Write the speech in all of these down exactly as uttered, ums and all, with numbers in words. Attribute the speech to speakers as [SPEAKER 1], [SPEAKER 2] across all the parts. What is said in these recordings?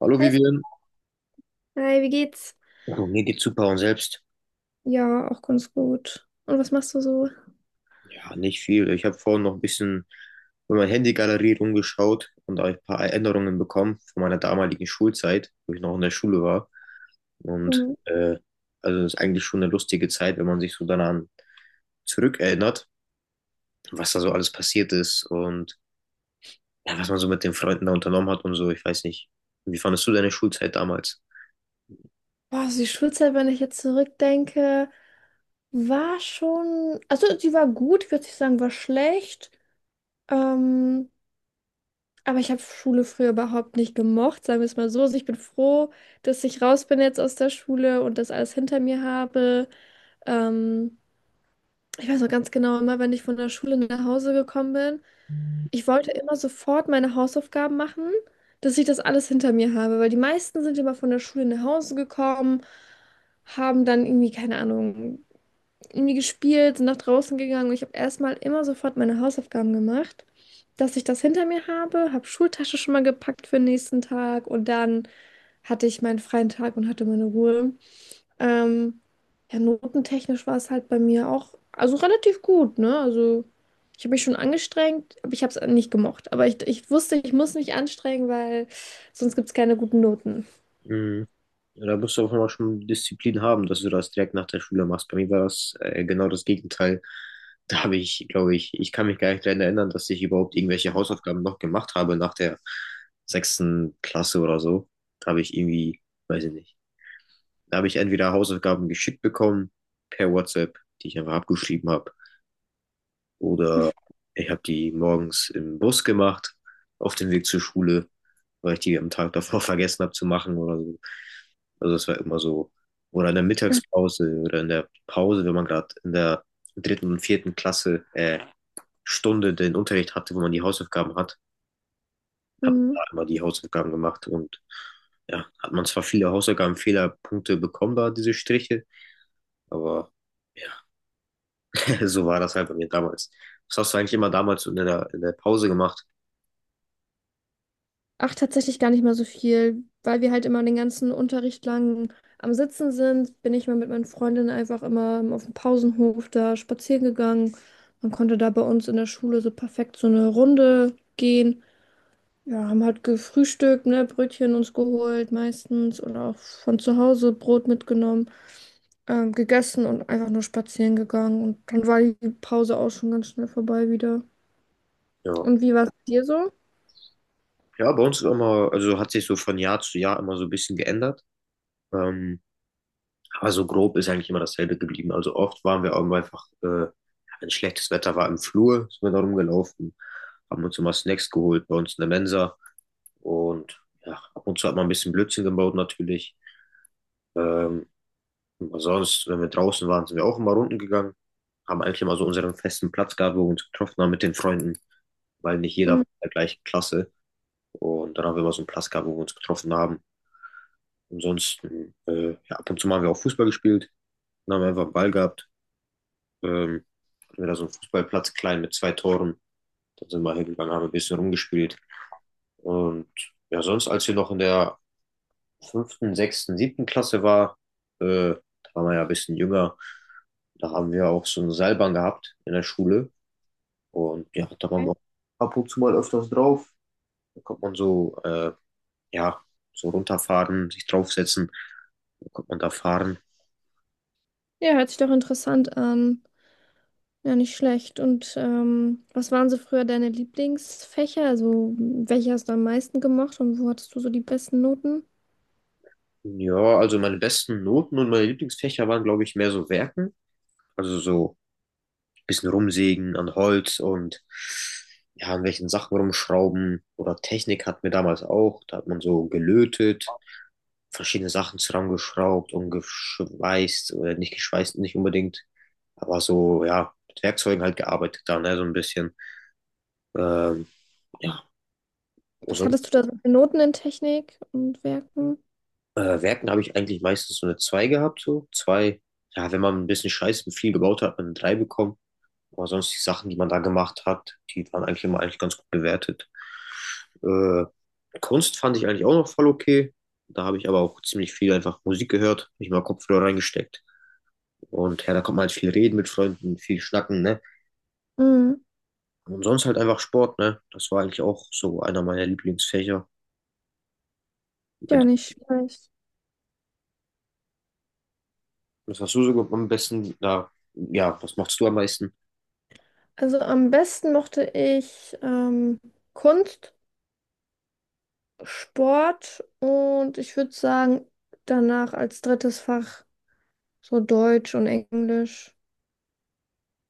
[SPEAKER 1] Hallo
[SPEAKER 2] Hi,
[SPEAKER 1] Vivian.
[SPEAKER 2] hi, wie geht's?
[SPEAKER 1] Du, mir geht's super und selbst?
[SPEAKER 2] Ja, auch ganz gut. Und was machst du so?
[SPEAKER 1] Ja, nicht viel. Ich habe vorhin noch ein bisschen in meiner Handy-Galerie rumgeschaut und da hab ich ein paar Erinnerungen bekommen von meiner damaligen Schulzeit, wo ich noch in der Schule war. Und
[SPEAKER 2] Hm.
[SPEAKER 1] äh, also das ist eigentlich schon eine lustige Zeit, wenn man sich so daran zurückerinnert, was da so alles passiert ist und ja, was man so mit den Freunden da unternommen hat und so. Ich weiß nicht. Wie fandest du deine Schulzeit damals?
[SPEAKER 2] Boah, also die Schulzeit, wenn ich jetzt zurückdenke, war schon, also sie war gut, ich würde nicht sagen, war schlecht. Ähm, aber ich habe Schule früher überhaupt nicht gemocht, sagen wir es mal so. Also ich bin froh, dass ich raus bin jetzt aus der Schule und das alles hinter mir habe. Ähm, ich weiß noch ganz genau, immer wenn ich von der Schule nach Hause gekommen bin. Ich wollte immer sofort meine Hausaufgaben machen, dass ich das alles hinter mir habe, weil die meisten sind immer von der Schule nach Hause gekommen, haben dann irgendwie, keine Ahnung, irgendwie gespielt, sind nach draußen gegangen und ich habe erstmal immer sofort meine Hausaufgaben gemacht, dass ich das hinter mir habe, habe Schultasche schon mal gepackt für den nächsten Tag und dann hatte ich meinen freien Tag und hatte meine Ruhe. Ähm, ja, notentechnisch war es halt bei mir auch, also relativ gut, ne? Also ich habe mich schon angestrengt, aber ich habe es nicht gemocht. Aber ich, ich wusste, ich muss mich anstrengen, weil sonst gibt es keine guten Noten.
[SPEAKER 1] Mhm. Ja, da musst du auch immer schon Disziplin haben, dass du das direkt nach der Schule machst. Bei mir war das äh, genau das Gegenteil. Da habe ich, glaube ich, ich kann mich gar nicht daran erinnern, dass ich überhaupt irgendwelche Hausaufgaben noch gemacht habe nach der sechsten Klasse oder so. Da habe ich irgendwie, weiß ich nicht, da habe ich entweder Hausaufgaben geschickt bekommen per WhatsApp, die ich einfach abgeschrieben habe. Oder ich habe die morgens im Bus gemacht, auf dem Weg zur Schule, weil ich die am Tag davor vergessen habe zu machen oder so. Also das war immer so. Oder in der Mittagspause oder in der Pause, wenn man gerade in der dritten und vierten Klasse äh, Stunde den Unterricht hatte, wo man die Hausaufgaben hat, hat man
[SPEAKER 2] Mhm.
[SPEAKER 1] da immer die Hausaufgaben gemacht und ja, hat man zwar viele Hausaufgaben, Fehlerpunkte bekommen da, diese Striche, aber ja, so war das halt bei mir damals. Was hast du eigentlich immer damals so in der, in der Pause gemacht?
[SPEAKER 2] Ach, tatsächlich gar nicht mal so viel, weil wir halt immer den ganzen Unterricht lang am Sitzen sind, bin ich mal mit meinen Freundinnen einfach immer auf dem Pausenhof da spazieren gegangen. Man konnte da bei uns in der Schule so perfekt so eine Runde gehen. Ja, haben halt gefrühstückt, ne, Brötchen uns geholt meistens oder auch von zu Hause Brot mitgenommen, ähm, gegessen und einfach nur spazieren gegangen. Und dann war die Pause auch schon ganz schnell vorbei wieder.
[SPEAKER 1] Ja.
[SPEAKER 2] Und wie war es dir so?
[SPEAKER 1] Ja, bei uns ist immer, also hat sich so von Jahr zu Jahr immer so ein bisschen geändert. Ähm, aber so grob ist eigentlich immer dasselbe geblieben. Also oft waren wir auch immer einfach, äh, wenn schlechtes Wetter war im Flur, sind wir da rumgelaufen, haben uns immer Snacks geholt bei uns in der Mensa und ja, ab und zu hat man ein bisschen Blödsinn gebaut natürlich. Ähm, Aber sonst, wenn wir draußen waren, sind wir auch immer runden gegangen. Haben eigentlich immer so unseren festen Platz gehabt, wo wir uns getroffen haben mit den Freunden, weil nicht jeder war
[SPEAKER 2] Mhm.
[SPEAKER 1] in der gleichen Klasse. Und dann haben wir immer so einen Platz gehabt, wo wir uns getroffen haben. Ansonsten, äh, ja, ab und zu mal haben wir auch Fußball gespielt. Dann haben wir einfach einen Ball gehabt. Ähm, Hatten wir da so einen Fußballplatz klein mit zwei Toren. Dann sind wir hingegangen, haben ein bisschen rumgespielt. Und ja, sonst, als wir noch in der fünften, sechsten, siebten Klasse war, äh, da waren wir ja ein bisschen jünger, da haben wir auch so eine Seilbahn gehabt in der Schule. Und ja, da waren wir auch ab und zu mal öfters drauf. Da konnte man so, äh, ja, so runterfahren, sich draufsetzen. Da konnte man da fahren.
[SPEAKER 2] Ja, hört sich doch interessant an. Ja, nicht schlecht. Und ähm, was waren so früher deine Lieblingsfächer? Also, welche hast du am meisten gemacht und wo hattest du so die besten Noten?
[SPEAKER 1] Ja, also meine besten Noten und meine Lieblingsfächer waren, glaube ich, mehr so Werken. Also so ein bisschen rumsägen an Holz und ja, an welchen Sachen rumschrauben. Oder Technik hatten wir damals auch. Da hat man so gelötet, verschiedene Sachen zusammengeschraubt und geschweißt, oder nicht geschweißt, nicht unbedingt, aber so, ja, mit Werkzeugen halt gearbeitet da, ne, so ein bisschen. Ähm, ja,
[SPEAKER 2] Was
[SPEAKER 1] also
[SPEAKER 2] hattest du da so für Noten in Technik und Werken?
[SPEAKER 1] äh, Werken habe ich eigentlich meistens so eine zwei gehabt, so zwei. Ja, wenn man ein bisschen Scheiß und viel gebaut hat, hat man eine drei bekommen. Aber sonst die Sachen, die man da gemacht hat, die waren eigentlich immer eigentlich ganz gut bewertet. Äh, Kunst fand ich eigentlich auch noch voll okay. Da habe ich aber auch ziemlich viel einfach Musik gehört, nicht mal Kopfhörer reingesteckt. Und ja, da konnte man halt viel reden mit Freunden, viel schnacken, ne?
[SPEAKER 2] Mhm.
[SPEAKER 1] Und sonst halt einfach Sport, ne? Das war eigentlich auch so einer meiner Lieblingsfächer. Bei
[SPEAKER 2] Ja,
[SPEAKER 1] dir,
[SPEAKER 2] nicht schlecht.
[SPEAKER 1] was hast du so am besten? Na, ja, was machst du am meisten?
[SPEAKER 2] Also am besten mochte ich ähm, Kunst, Sport und ich würde sagen, danach als drittes Fach so Deutsch und Englisch.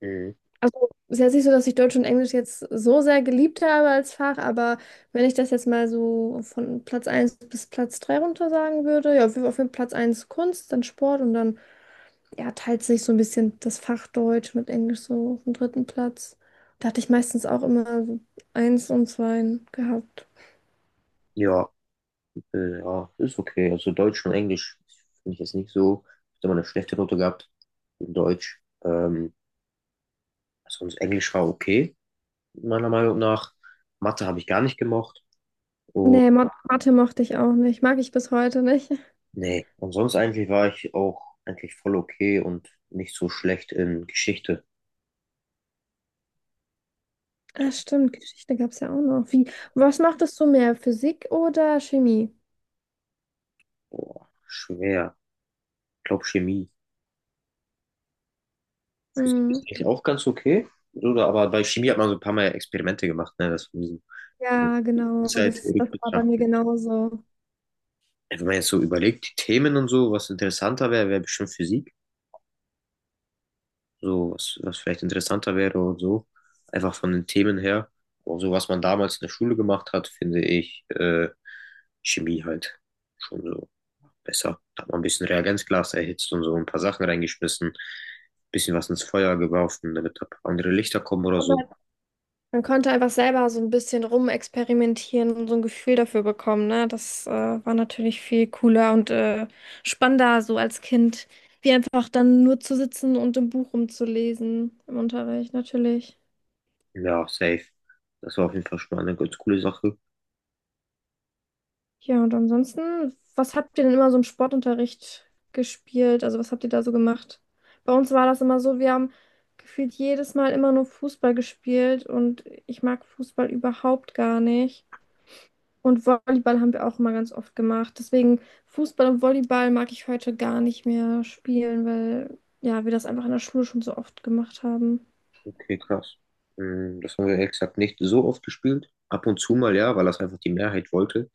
[SPEAKER 1] Mhm.
[SPEAKER 2] Also es ist jetzt nicht so, dass ich Deutsch und Englisch jetzt so sehr geliebt habe als Fach, aber wenn ich das jetzt mal so von Platz eins bis Platz drei runter sagen würde, ja, auf jeden Fall Platz eins Kunst, dann Sport und dann ja, teilt sich so ein bisschen das Fach Deutsch mit Englisch so auf dem dritten Platz. Da hatte ich meistens auch immer so eins und zwei gehabt.
[SPEAKER 1] Ja, äh, ja, ist okay. Also Deutsch und Englisch finde ich jetzt nicht so. Ich habe immer eine schlechte Note gehabt in Deutsch. Ähm, sonst Englisch war okay, meiner Meinung nach. Mathe habe ich gar nicht gemocht.
[SPEAKER 2] Nee, Mo- Mathe mochte ich auch nicht. Mag ich bis heute nicht.
[SPEAKER 1] Nee, und sonst eigentlich war ich auch eigentlich voll okay und nicht so schlecht in Geschichte.
[SPEAKER 2] Ah, stimmt, Geschichte gab es ja auch noch. Wie, was mochtest du mehr, Physik oder Chemie?
[SPEAKER 1] Boah, schwer. Ich glaube Chemie. Physik
[SPEAKER 2] Hm.
[SPEAKER 1] ist eigentlich auch ganz okay. Oder, aber bei Chemie hat man so ein paar Mal Experimente gemacht, ne? Das von diesem
[SPEAKER 2] Ja, genau,
[SPEAKER 1] Schulzeit
[SPEAKER 2] das, das war bei mir
[SPEAKER 1] rückbetrachtet.
[SPEAKER 2] genauso.
[SPEAKER 1] Wenn man jetzt so überlegt, die Themen und so, was interessanter wäre, wäre bestimmt Physik. So, was, was vielleicht interessanter wäre und so. Einfach von den Themen her. Aber so, was man damals in der Schule gemacht hat, finde ich äh, Chemie halt schon so besser. Da hat man ein bisschen Reagenzglas erhitzt und so ein paar Sachen reingeschmissen, bisschen was ins Feuer geworfen, damit da andere Lichter kommen oder so.
[SPEAKER 2] Man konnte einfach selber so ein bisschen rumexperimentieren und so ein Gefühl dafür bekommen, ne? Das äh, war natürlich viel cooler und äh, spannender so als Kind, wie einfach dann nur zu sitzen und im Buch rumzulesen im Unterricht, natürlich.
[SPEAKER 1] Ja, safe. Das war auf jeden Fall schon mal eine ganz coole Sache.
[SPEAKER 2] Ja, und ansonsten, was habt ihr denn immer so im Sportunterricht gespielt? Also was habt ihr da so gemacht? Bei uns war das immer so, wir haben gefühlt jedes Mal immer nur Fußball gespielt und ich mag Fußball überhaupt gar nicht. Und Volleyball haben wir auch immer ganz oft gemacht. Deswegen Fußball und Volleyball mag ich heute gar nicht mehr spielen, weil ja, wir das einfach in der Schule schon so oft gemacht haben.
[SPEAKER 1] Okay, krass. Mm, das haben wir ehrlich gesagt nicht so oft gespielt. Ab und zu mal, ja, weil das einfach die Mehrheit wollte.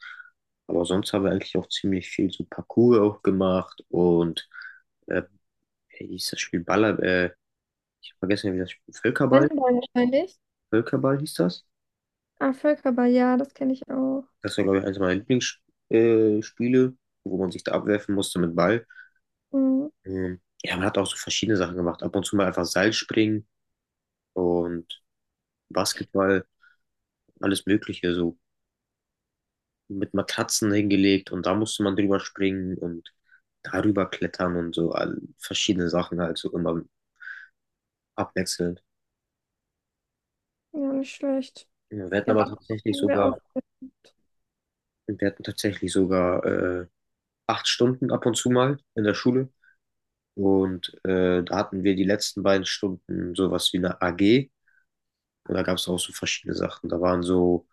[SPEAKER 1] Aber sonst haben wir eigentlich auch ziemlich viel so Parkour auch gemacht und äh, wie hieß das Spiel Baller, äh, ich hab vergessen, wie das Spiel, Völkerball,
[SPEAKER 2] Handball wahrscheinlich.
[SPEAKER 1] Völkerball hieß das.
[SPEAKER 2] Ah, Völkerball, ja, das kenne ich auch.
[SPEAKER 1] Das war, glaube ich, eines meiner Lieblingsspiele, wo man sich da abwerfen musste mit Ball.
[SPEAKER 2] Mhm.
[SPEAKER 1] Ähm, Ja, man hat auch so verschiedene Sachen gemacht. Ab und zu mal einfach Seilspringen und Basketball, alles Mögliche, so mit Matratzen hingelegt und da musste man drüber springen und darüber klettern und so all, verschiedene Sachen halt so immer abwechselnd.
[SPEAKER 2] Ja, nicht schlecht.
[SPEAKER 1] Ja, Wir hatten
[SPEAKER 2] Ja,
[SPEAKER 1] aber
[SPEAKER 2] Basketball
[SPEAKER 1] tatsächlich
[SPEAKER 2] haben wir
[SPEAKER 1] sogar,
[SPEAKER 2] auch.
[SPEAKER 1] wir hatten tatsächlich sogar äh, acht Stunden ab und zu mal in der Schule. Und äh, da hatten wir die letzten beiden Stunden sowas wie eine A G. Und da gab es auch so verschiedene Sachen. Da waren so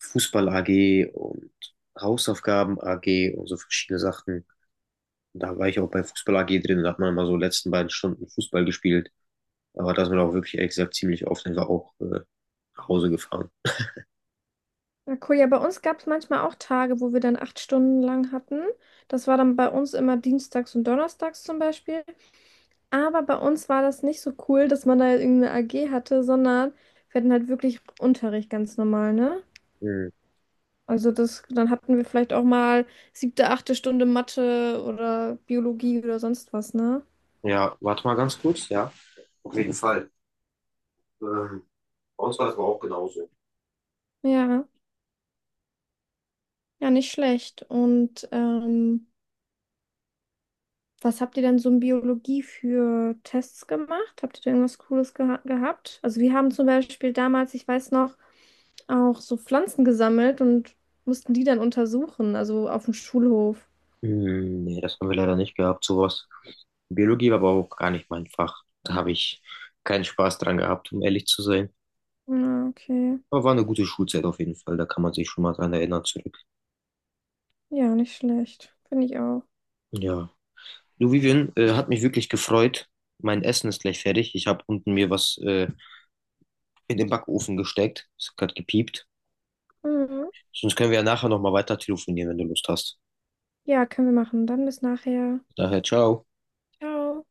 [SPEAKER 1] Fußball-A G und Hausaufgaben-A G und so verschiedene Sachen. Und da war ich auch bei Fußball-A G drin. Da hat man immer so letzten beiden Stunden Fußball gespielt. Aber da ist man auch wirklich, ehrlich gesagt, ziemlich oft einfach auch äh, nach Hause gefahren.
[SPEAKER 2] Ja, cool. Ja, bei uns gab es manchmal auch Tage, wo wir dann acht Stunden lang hatten. Das war dann bei uns immer dienstags und donnerstags zum Beispiel. Aber bei uns war das nicht so cool, dass man da irgendeine A G hatte, sondern wir hatten halt wirklich Unterricht ganz normal, ne?
[SPEAKER 1] Mhm.
[SPEAKER 2] Also das, dann hatten wir vielleicht auch mal siebte, achte Stunde Mathe oder Biologie oder sonst was, ne?
[SPEAKER 1] Ja, warte mal ganz kurz. Ja, auf jeden Fall. Ähm, Bei uns war das aber auch genauso.
[SPEAKER 2] Ja, ja, nicht schlecht. Und ähm, was habt ihr denn so in Biologie für Tests gemacht? Habt ihr da irgendwas Cooles geha gehabt? Also wir haben zum Beispiel damals, ich weiß noch, auch so Pflanzen gesammelt und mussten die dann untersuchen, also auf dem Schulhof.
[SPEAKER 1] Hm, nee, das haben wir leider nicht gehabt, sowas. Biologie war aber auch gar nicht mein Fach. Da habe ich keinen Spaß dran gehabt, um ehrlich zu sein.
[SPEAKER 2] Ja, okay.
[SPEAKER 1] Aber war eine gute Schulzeit auf jeden Fall, da kann man sich schon mal dran erinnern zurück.
[SPEAKER 2] Ja, nicht schlecht. Finde ich auch.
[SPEAKER 1] Ja. Du, Vivian, äh, hat mich wirklich gefreut. Mein Essen ist gleich fertig. Ich habe unten mir was äh, in den Backofen gesteckt. Es hat gerade gepiept.
[SPEAKER 2] Mhm.
[SPEAKER 1] Sonst können wir ja nachher nochmal weiter telefonieren, wenn du Lust hast.
[SPEAKER 2] Ja, können wir machen. Dann bis nachher.
[SPEAKER 1] Daher, ciao.
[SPEAKER 2] Ciao.